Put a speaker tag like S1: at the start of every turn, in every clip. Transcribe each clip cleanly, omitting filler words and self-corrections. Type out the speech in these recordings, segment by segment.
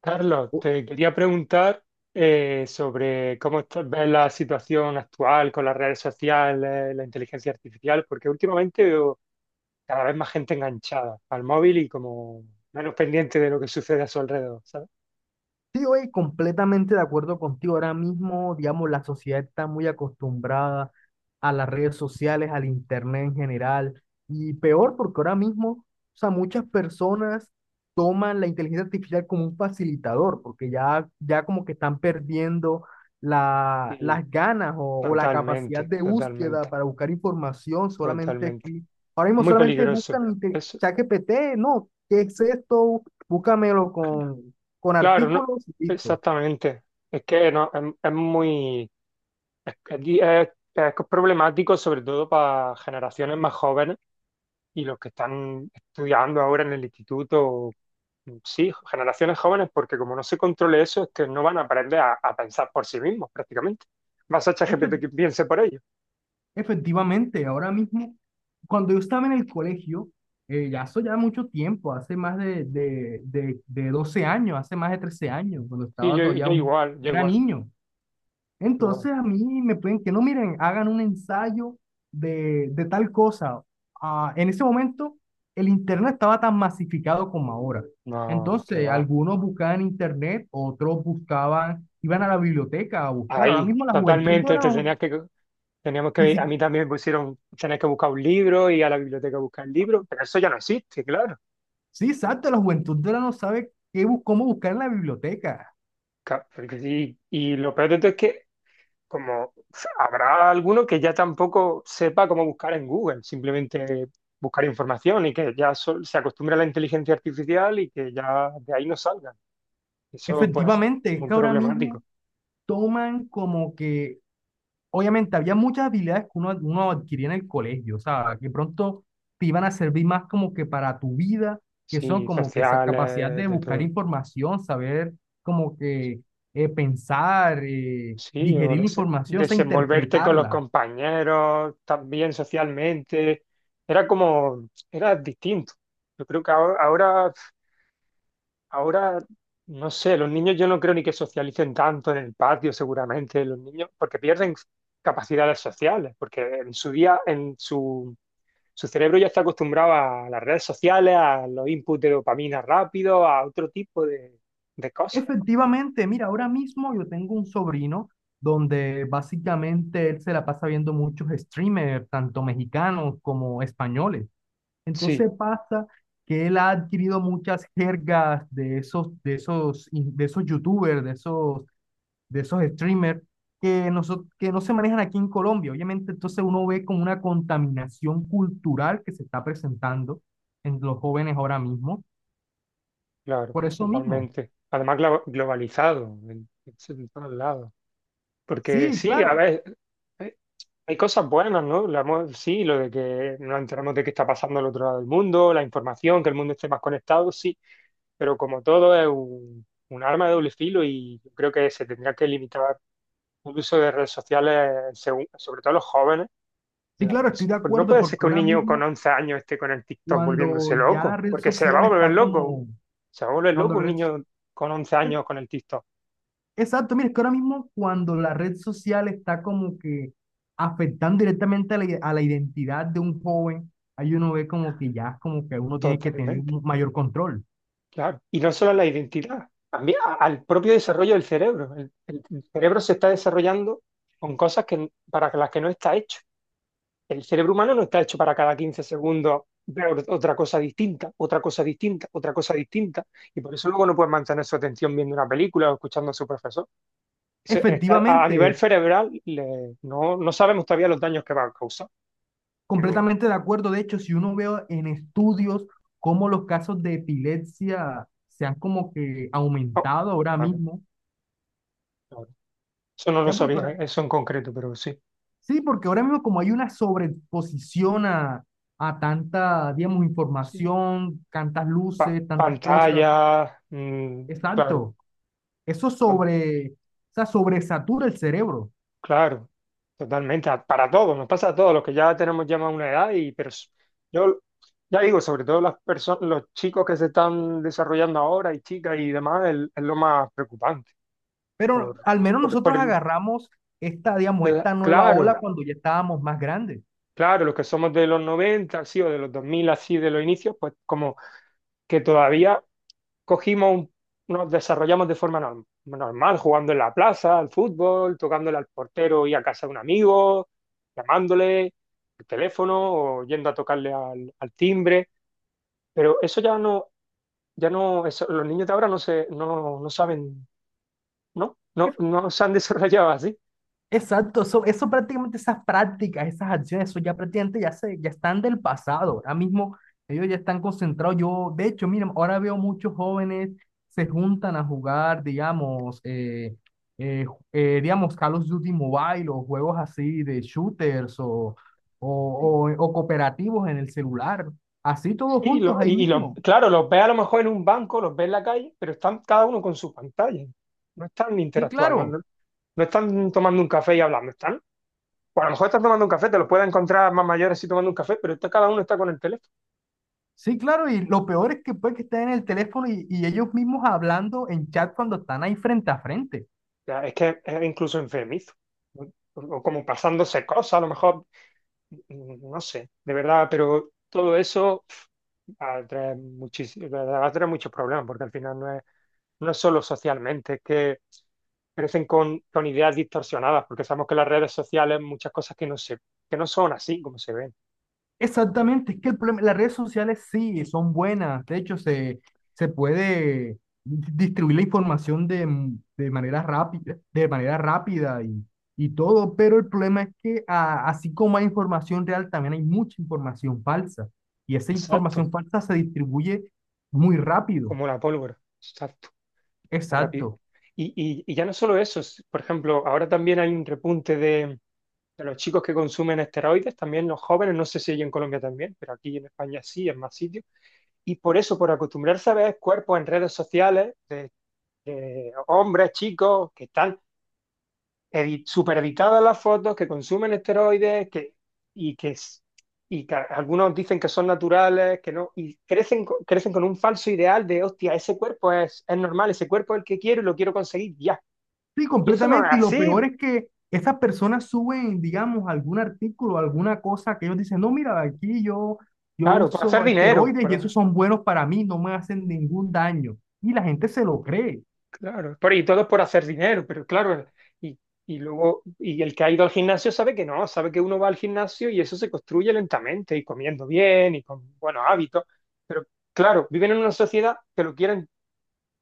S1: Carlos,
S2: Oh,
S1: te quería preguntar sobre cómo ves la situación actual con las redes sociales, la inteligencia artificial, porque últimamente veo cada vez más gente enganchada al móvil y como menos pendiente de lo que sucede a su alrededor, ¿sabes?
S2: sí, oye, completamente de acuerdo contigo. Ahora mismo, digamos, la sociedad está muy acostumbrada a las redes sociales, al internet en general, y peor porque ahora mismo, o sea, muchas personas toman la inteligencia artificial como un facilitador, porque ya como que están perdiendo
S1: Y
S2: las ganas o la capacidad
S1: totalmente,
S2: de búsqueda
S1: totalmente,
S2: para buscar información solamente
S1: totalmente.
S2: aquí. Ahora
S1: Es
S2: mismo
S1: muy
S2: solamente
S1: peligroso. Eso,
S2: ChatGPT, no, ¿qué es esto? Búscamelo con
S1: claro, no,
S2: artículos, listo.
S1: exactamente. Es que no, es muy, es, es- es problemático sobre todo para generaciones más jóvenes y los que están estudiando ahora en el instituto, sí, generaciones jóvenes, porque como no se controle eso, es que no van a aprender a pensar por sí mismos prácticamente. Vas a
S2: Efe-
S1: ChatGPT que piense por ellos.
S2: Efectivamente, ahora mismo, cuando yo estaba en el colegio, ya eso ya mucho tiempo, hace más de 12 años, hace más de 13 años, cuando
S1: Y
S2: estaba
S1: yo, yo igual, yo
S2: era
S1: igual,
S2: niño.
S1: igual.
S2: Entonces a mí me pueden que no, miren, hagan un ensayo de tal cosa. Ah, en ese momento el internet estaba tan masificado como ahora.
S1: No, que
S2: Entonces
S1: va.
S2: algunos buscaban en internet, otros buscaban, iban a la biblioteca a buscar. Ahora
S1: Ahí,
S2: mismo la juventud de
S1: totalmente,
S2: ahora
S1: te
S2: no,
S1: tenías que, teníamos
S2: ni si-
S1: que, a mí también me pusieron, tenías que buscar un libro y a la biblioteca buscar el libro, pero eso ya no existe, claro.
S2: sí, exacto, la juventud de ahora no sabe qué, cómo buscar en la biblioteca.
S1: Porque sí. Y lo peor de todo es que como habrá alguno que ya tampoco sepa cómo buscar en Google, simplemente buscar información y que ya se acostumbre a la inteligencia artificial y que ya de ahí no salgan. Eso pues
S2: Efectivamente, es
S1: muy
S2: que ahora mismo
S1: problemático.
S2: toman como que obviamente había muchas habilidades que uno adquiría en el colegio, o sea, que pronto te iban a servir más como que para tu vida, que son
S1: Sí,
S2: como que esa capacidad
S1: sociales,
S2: de
S1: de
S2: buscar
S1: todo.
S2: información, saber como que pensar,
S1: Sí, o
S2: digerir la información, o sea,
S1: desenvolverte con los
S2: interpretarla.
S1: compañeros, también socialmente. Era como, era distinto. Yo creo que ahora, Ahora, no sé, los niños yo no creo ni que socialicen tanto en el patio, seguramente, los niños, porque pierden capacidades sociales, porque en su día, su cerebro ya está acostumbrado a las redes sociales, a los inputs de dopamina rápido, a otro tipo de cosas.
S2: Efectivamente, mira, ahora mismo yo tengo un sobrino donde básicamente él se la pasa viendo muchos streamers, tanto mexicanos como españoles.
S1: Sí,
S2: Entonces pasa que él ha adquirido muchas jergas de esos youtubers, de esos streamers que, que no se manejan aquí en Colombia. Obviamente, entonces uno ve como una contaminación cultural que se está presentando en los jóvenes ahora mismo.
S1: claro,
S2: Por eso mismo.
S1: totalmente. Además, globalizado en todos lados. Porque
S2: Sí,
S1: sí, a
S2: claro.
S1: ver, eh, hay cosas buenas, ¿no? Sí, lo de que nos enteramos de qué está pasando al otro lado del mundo, la información, que el mundo esté más conectado, sí, pero como todo es un arma de doble filo y yo creo que se tendría que limitar el uso de redes sociales, sobre todo los jóvenes.
S2: Sí, claro, estoy de
S1: Pues no
S2: acuerdo
S1: puede ser
S2: porque
S1: que un
S2: ahora
S1: niño con
S2: mismo
S1: 11 años esté con el TikTok
S2: cuando
S1: volviéndose
S2: ya la
S1: loco,
S2: red
S1: porque se va
S2: social
S1: a volver
S2: está
S1: loco,
S2: como,
S1: se va a volver
S2: cuando
S1: loco
S2: la
S1: un
S2: red,
S1: niño con 11 años con el TikTok,
S2: exacto, mira, es que ahora mismo cuando la red social está como que afectando directamente a a la identidad de un joven, ahí uno ve como que ya es como que uno tiene que tener
S1: totalmente.
S2: un mayor control.
S1: Claro. Y no solo a la identidad, también al propio desarrollo del cerebro. El cerebro se está desarrollando con cosas que, para las que no está hecho. El cerebro humano no está hecho para cada 15 segundos ver otra cosa distinta, otra cosa distinta, otra cosa distinta. Y por eso luego no puedes mantener su atención viendo una película o escuchando a su profesor. A nivel
S2: Efectivamente,
S1: cerebral no, no sabemos todavía los daños que va a causar, pero
S2: completamente de acuerdo. De hecho, si uno ve en estudios cómo los casos de epilepsia se han como que
S1: oh,
S2: aumentado ahora
S1: vale,
S2: mismo,
S1: vale. Eso no lo
S2: ya porque
S1: sabía,
S2: ahora,
S1: eso en concreto, pero
S2: sí, porque ahora mismo como hay una sobreexposición a tanta, digamos,
S1: sí.
S2: información, tantas luces, tantas cosas.
S1: Pantallas. Claro,
S2: Exacto. Eso
S1: to-
S2: sobre, o sea, sobresatura el cerebro.
S1: claro, totalmente, para todos, nos pasa a todos los que ya tenemos ya más una edad y pero yo ya digo, sobre todo las personas, los chicos que se están desarrollando ahora y chicas y demás, es, lo más preocupante
S2: Pero
S1: por,
S2: al menos
S1: por
S2: nosotros agarramos esta, digamos, esta nueva ola
S1: claro,
S2: cuando ya estábamos más grandes.
S1: claro, los que somos de los 90 así, o de los 2000 así, de los inicios, pues como que todavía cogimos un- nos desarrollamos de forma normal, jugando en la plaza, al fútbol, tocándole al portero y a casa de un amigo, llamándole al teléfono o yendo a tocarle al, al timbre. Pero eso ya no, ya no, los niños de ahora no se, no, no saben, ¿no? No, no se han desarrollado así.
S2: Exacto, eso prácticamente, esas prácticas, esas acciones, eso ya prácticamente ya están del pasado. Ahora mismo ellos ya están concentrados. Yo, de hecho, miren, ahora veo muchos jóvenes se juntan a jugar, digamos, digamos, Call of Duty Mobile o juegos así de shooters o cooperativos en el celular, así todos juntos ahí mismo.
S1: Claro, los ves a lo mejor en un banco, los ves en la calle, pero están cada uno con su pantalla. No están
S2: Sí,
S1: interactuando,
S2: claro.
S1: no, no están tomando un café y hablando, están. Pues a lo mejor estás tomando un café, te los puedes encontrar más mayores si tomando un café, pero cada uno está con el teléfono.
S2: Sí, claro, y lo peor es que puede que estén en el teléfono y ellos mismos hablando en chat cuando están ahí frente a frente.
S1: O sea, es que es incluso enfermizo. ¿No? O como pasándose cosas, a lo mejor, no sé, de verdad, pero todo eso pf, atrae muchísimo, atrae muchos problemas, porque al final no es, no es solo socialmente, es que crecen con ideas distorsionadas, porque sabemos que las redes sociales muchas cosas que no se, que no son así como se ven.
S2: Exactamente, es que el problema, las redes sociales sí son buenas, se puede distribuir la información de manera rápida, y todo, pero el problema es que así como hay información real, también hay mucha información falsa y esa
S1: Exacto,
S2: información falsa se distribuye muy rápido.
S1: como la pólvora. Exacto. A
S2: Exacto.
S1: y ya no solo eso, por ejemplo, ahora también hay un repunte de los chicos que consumen esteroides, también los jóvenes, no sé si hay en Colombia también, pero aquí en España sí, en más sitios. Y por eso, por acostumbrarse a ver cuerpos en redes sociales de hombres, chicos, que están supereditadas las fotos, que consumen esteroides que, y que, y que algunos dicen que son naturales, que no, y crecen, crecen con un falso ideal de, hostia, ese cuerpo es normal, ese cuerpo es el que quiero y lo quiero conseguir ya.
S2: Sí,
S1: Y eso no es
S2: completamente. Y lo
S1: así,
S2: peor es que esas personas suben, digamos, algún artículo, alguna cosa que ellos dicen, no, mira, yo
S1: claro, por hacer
S2: uso
S1: dinero,
S2: esteroides y esos son buenos para mí, no me hacen ningún daño. Y la gente se lo cree.
S1: claro, por, y todo es por hacer dinero, pero claro, y, y luego, y el que ha ido al gimnasio sabe que no, sabe que uno va al gimnasio y eso se construye lentamente y comiendo bien y con buenos hábitos, pero claro, viven en una sociedad que lo quieren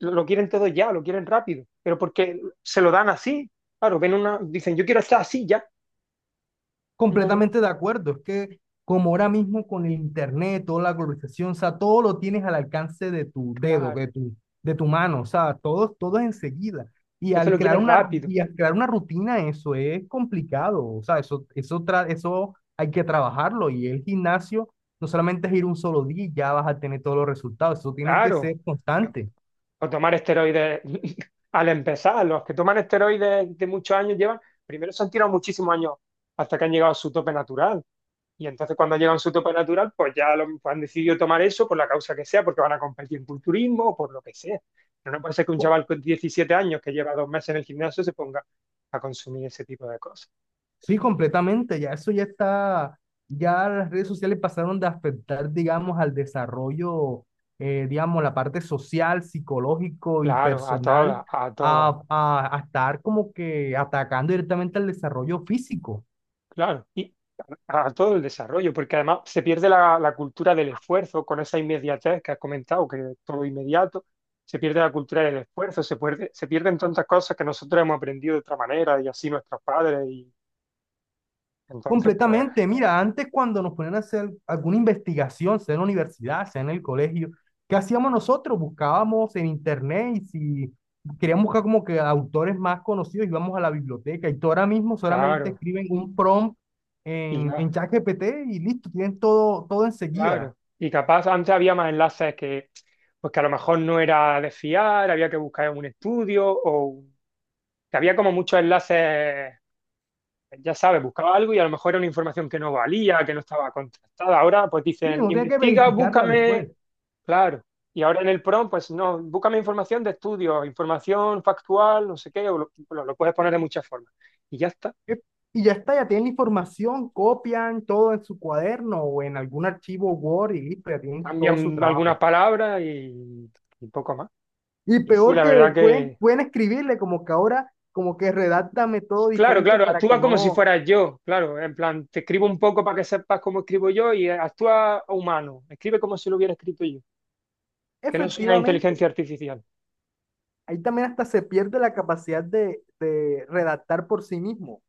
S1: lo quieren todo ya, lo quieren rápido, pero porque se lo dan así. Claro, ven una, dicen, yo quiero estar así ya. No,
S2: Completamente de acuerdo, es que como ahora mismo con el internet, toda la globalización, o sea, todo lo tienes al alcance de tu dedo,
S1: claro.
S2: de tu mano, o sea, todo, todo es enseguida. Y
S1: Entonces
S2: al
S1: lo
S2: crear
S1: quieren rápido.
S2: una rutina, eso es complicado, o sea, eso hay que trabajarlo. Y el gimnasio no solamente es ir un solo día y ya vas a tener todos los resultados, eso tiene que
S1: Claro.
S2: ser constante.
S1: O tomar esteroides al empezar. Los que toman esteroides de muchos años llevan, primero se han tirado muchísimos años hasta que han llegado a su tope natural. Y entonces cuando llegan a su tope natural, pues ya lo, pues han decidido tomar eso por la causa que sea, porque van a competir en culturismo o por lo que sea. Pero no puede ser que un chaval con 17 años que lleva 2 meses en el gimnasio se ponga a consumir ese tipo de cosas.
S2: Sí, completamente. Ya las redes sociales pasaron de afectar, digamos, al desarrollo, digamos, la parte social, psicológico y
S1: Claro, a
S2: personal,
S1: todas, a todas.
S2: a estar como que atacando directamente al desarrollo físico.
S1: Claro, y a todo el desarrollo, porque además se pierde la, la cultura del esfuerzo con esa inmediatez que has comentado, que todo inmediato, se pierde la cultura del esfuerzo, se pierde, se pierden tantas cosas que nosotros hemos aprendido de otra manera y así nuestros padres, y entonces, pues,
S2: Completamente, mira, antes cuando nos ponían a hacer alguna investigación, sea en la universidad, sea en el colegio, ¿qué hacíamos nosotros? Buscábamos en internet y si queríamos buscar como que autores más conocidos, íbamos a la biblioteca y tú ahora mismo solamente
S1: claro,
S2: escriben un prompt
S1: y
S2: en
S1: ya,
S2: ChatGPT y listo, tienen todo, todo enseguida.
S1: claro. Y capaz antes había más enlaces que, pues que a lo mejor no era de fiar, había que buscar un estudio o un que había como muchos enlaces, ya sabes, buscaba algo y a lo mejor era una información que no valía, que no estaba contrastada. Ahora pues
S2: Sí,
S1: dicen,
S2: no tienen que
S1: investiga,
S2: verificarla
S1: búscame,
S2: después.
S1: claro. Y ahora en el PROM, pues no, búscame información de estudios, información factual, no sé qué, o lo, lo puedes poner de muchas formas. Y ya está.
S2: Eh, Y ya está, ya tienen la información, copian todo en su cuaderno o en algún archivo Word y listo, ya tienen todo su
S1: Cambian algunas
S2: trabajo.
S1: palabras y poco más.
S2: Y
S1: Y sí,
S2: peor
S1: la
S2: que
S1: verdad que,
S2: pueden escribirle como que ahora, como que redáctame todo
S1: claro,
S2: diferente
S1: claro,
S2: para que
S1: actúa como si
S2: no,
S1: fueras yo, claro, en plan, te escribo un poco para que sepas cómo escribo yo y actúa humano, escribe como si lo hubiera escrito yo, que no soy una
S2: efectivamente,
S1: inteligencia artificial.
S2: ahí también hasta se pierde la capacidad de redactar por sí mismo.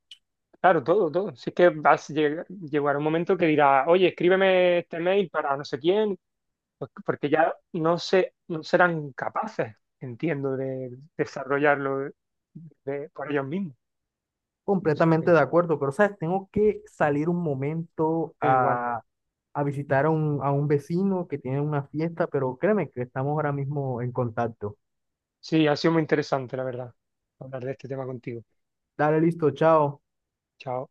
S1: Claro, todo, todo. Si es que vas a llegar, llegará un momento que dirá, oye, escríbeme este mail para no sé quién, pues, porque ya no sé, no serán capaces, entiendo, de desarrollarlo por ellos mismos. O sea,
S2: Completamente
S1: que
S2: de acuerdo, pero sabes, tengo que salir un momento
S1: da igual.
S2: a visitar a a un vecino que tiene una fiesta, pero créeme que estamos ahora mismo en contacto.
S1: Sí, ha sido muy interesante, la verdad, hablar de este tema contigo.
S2: Dale, listo, chao.
S1: Chao.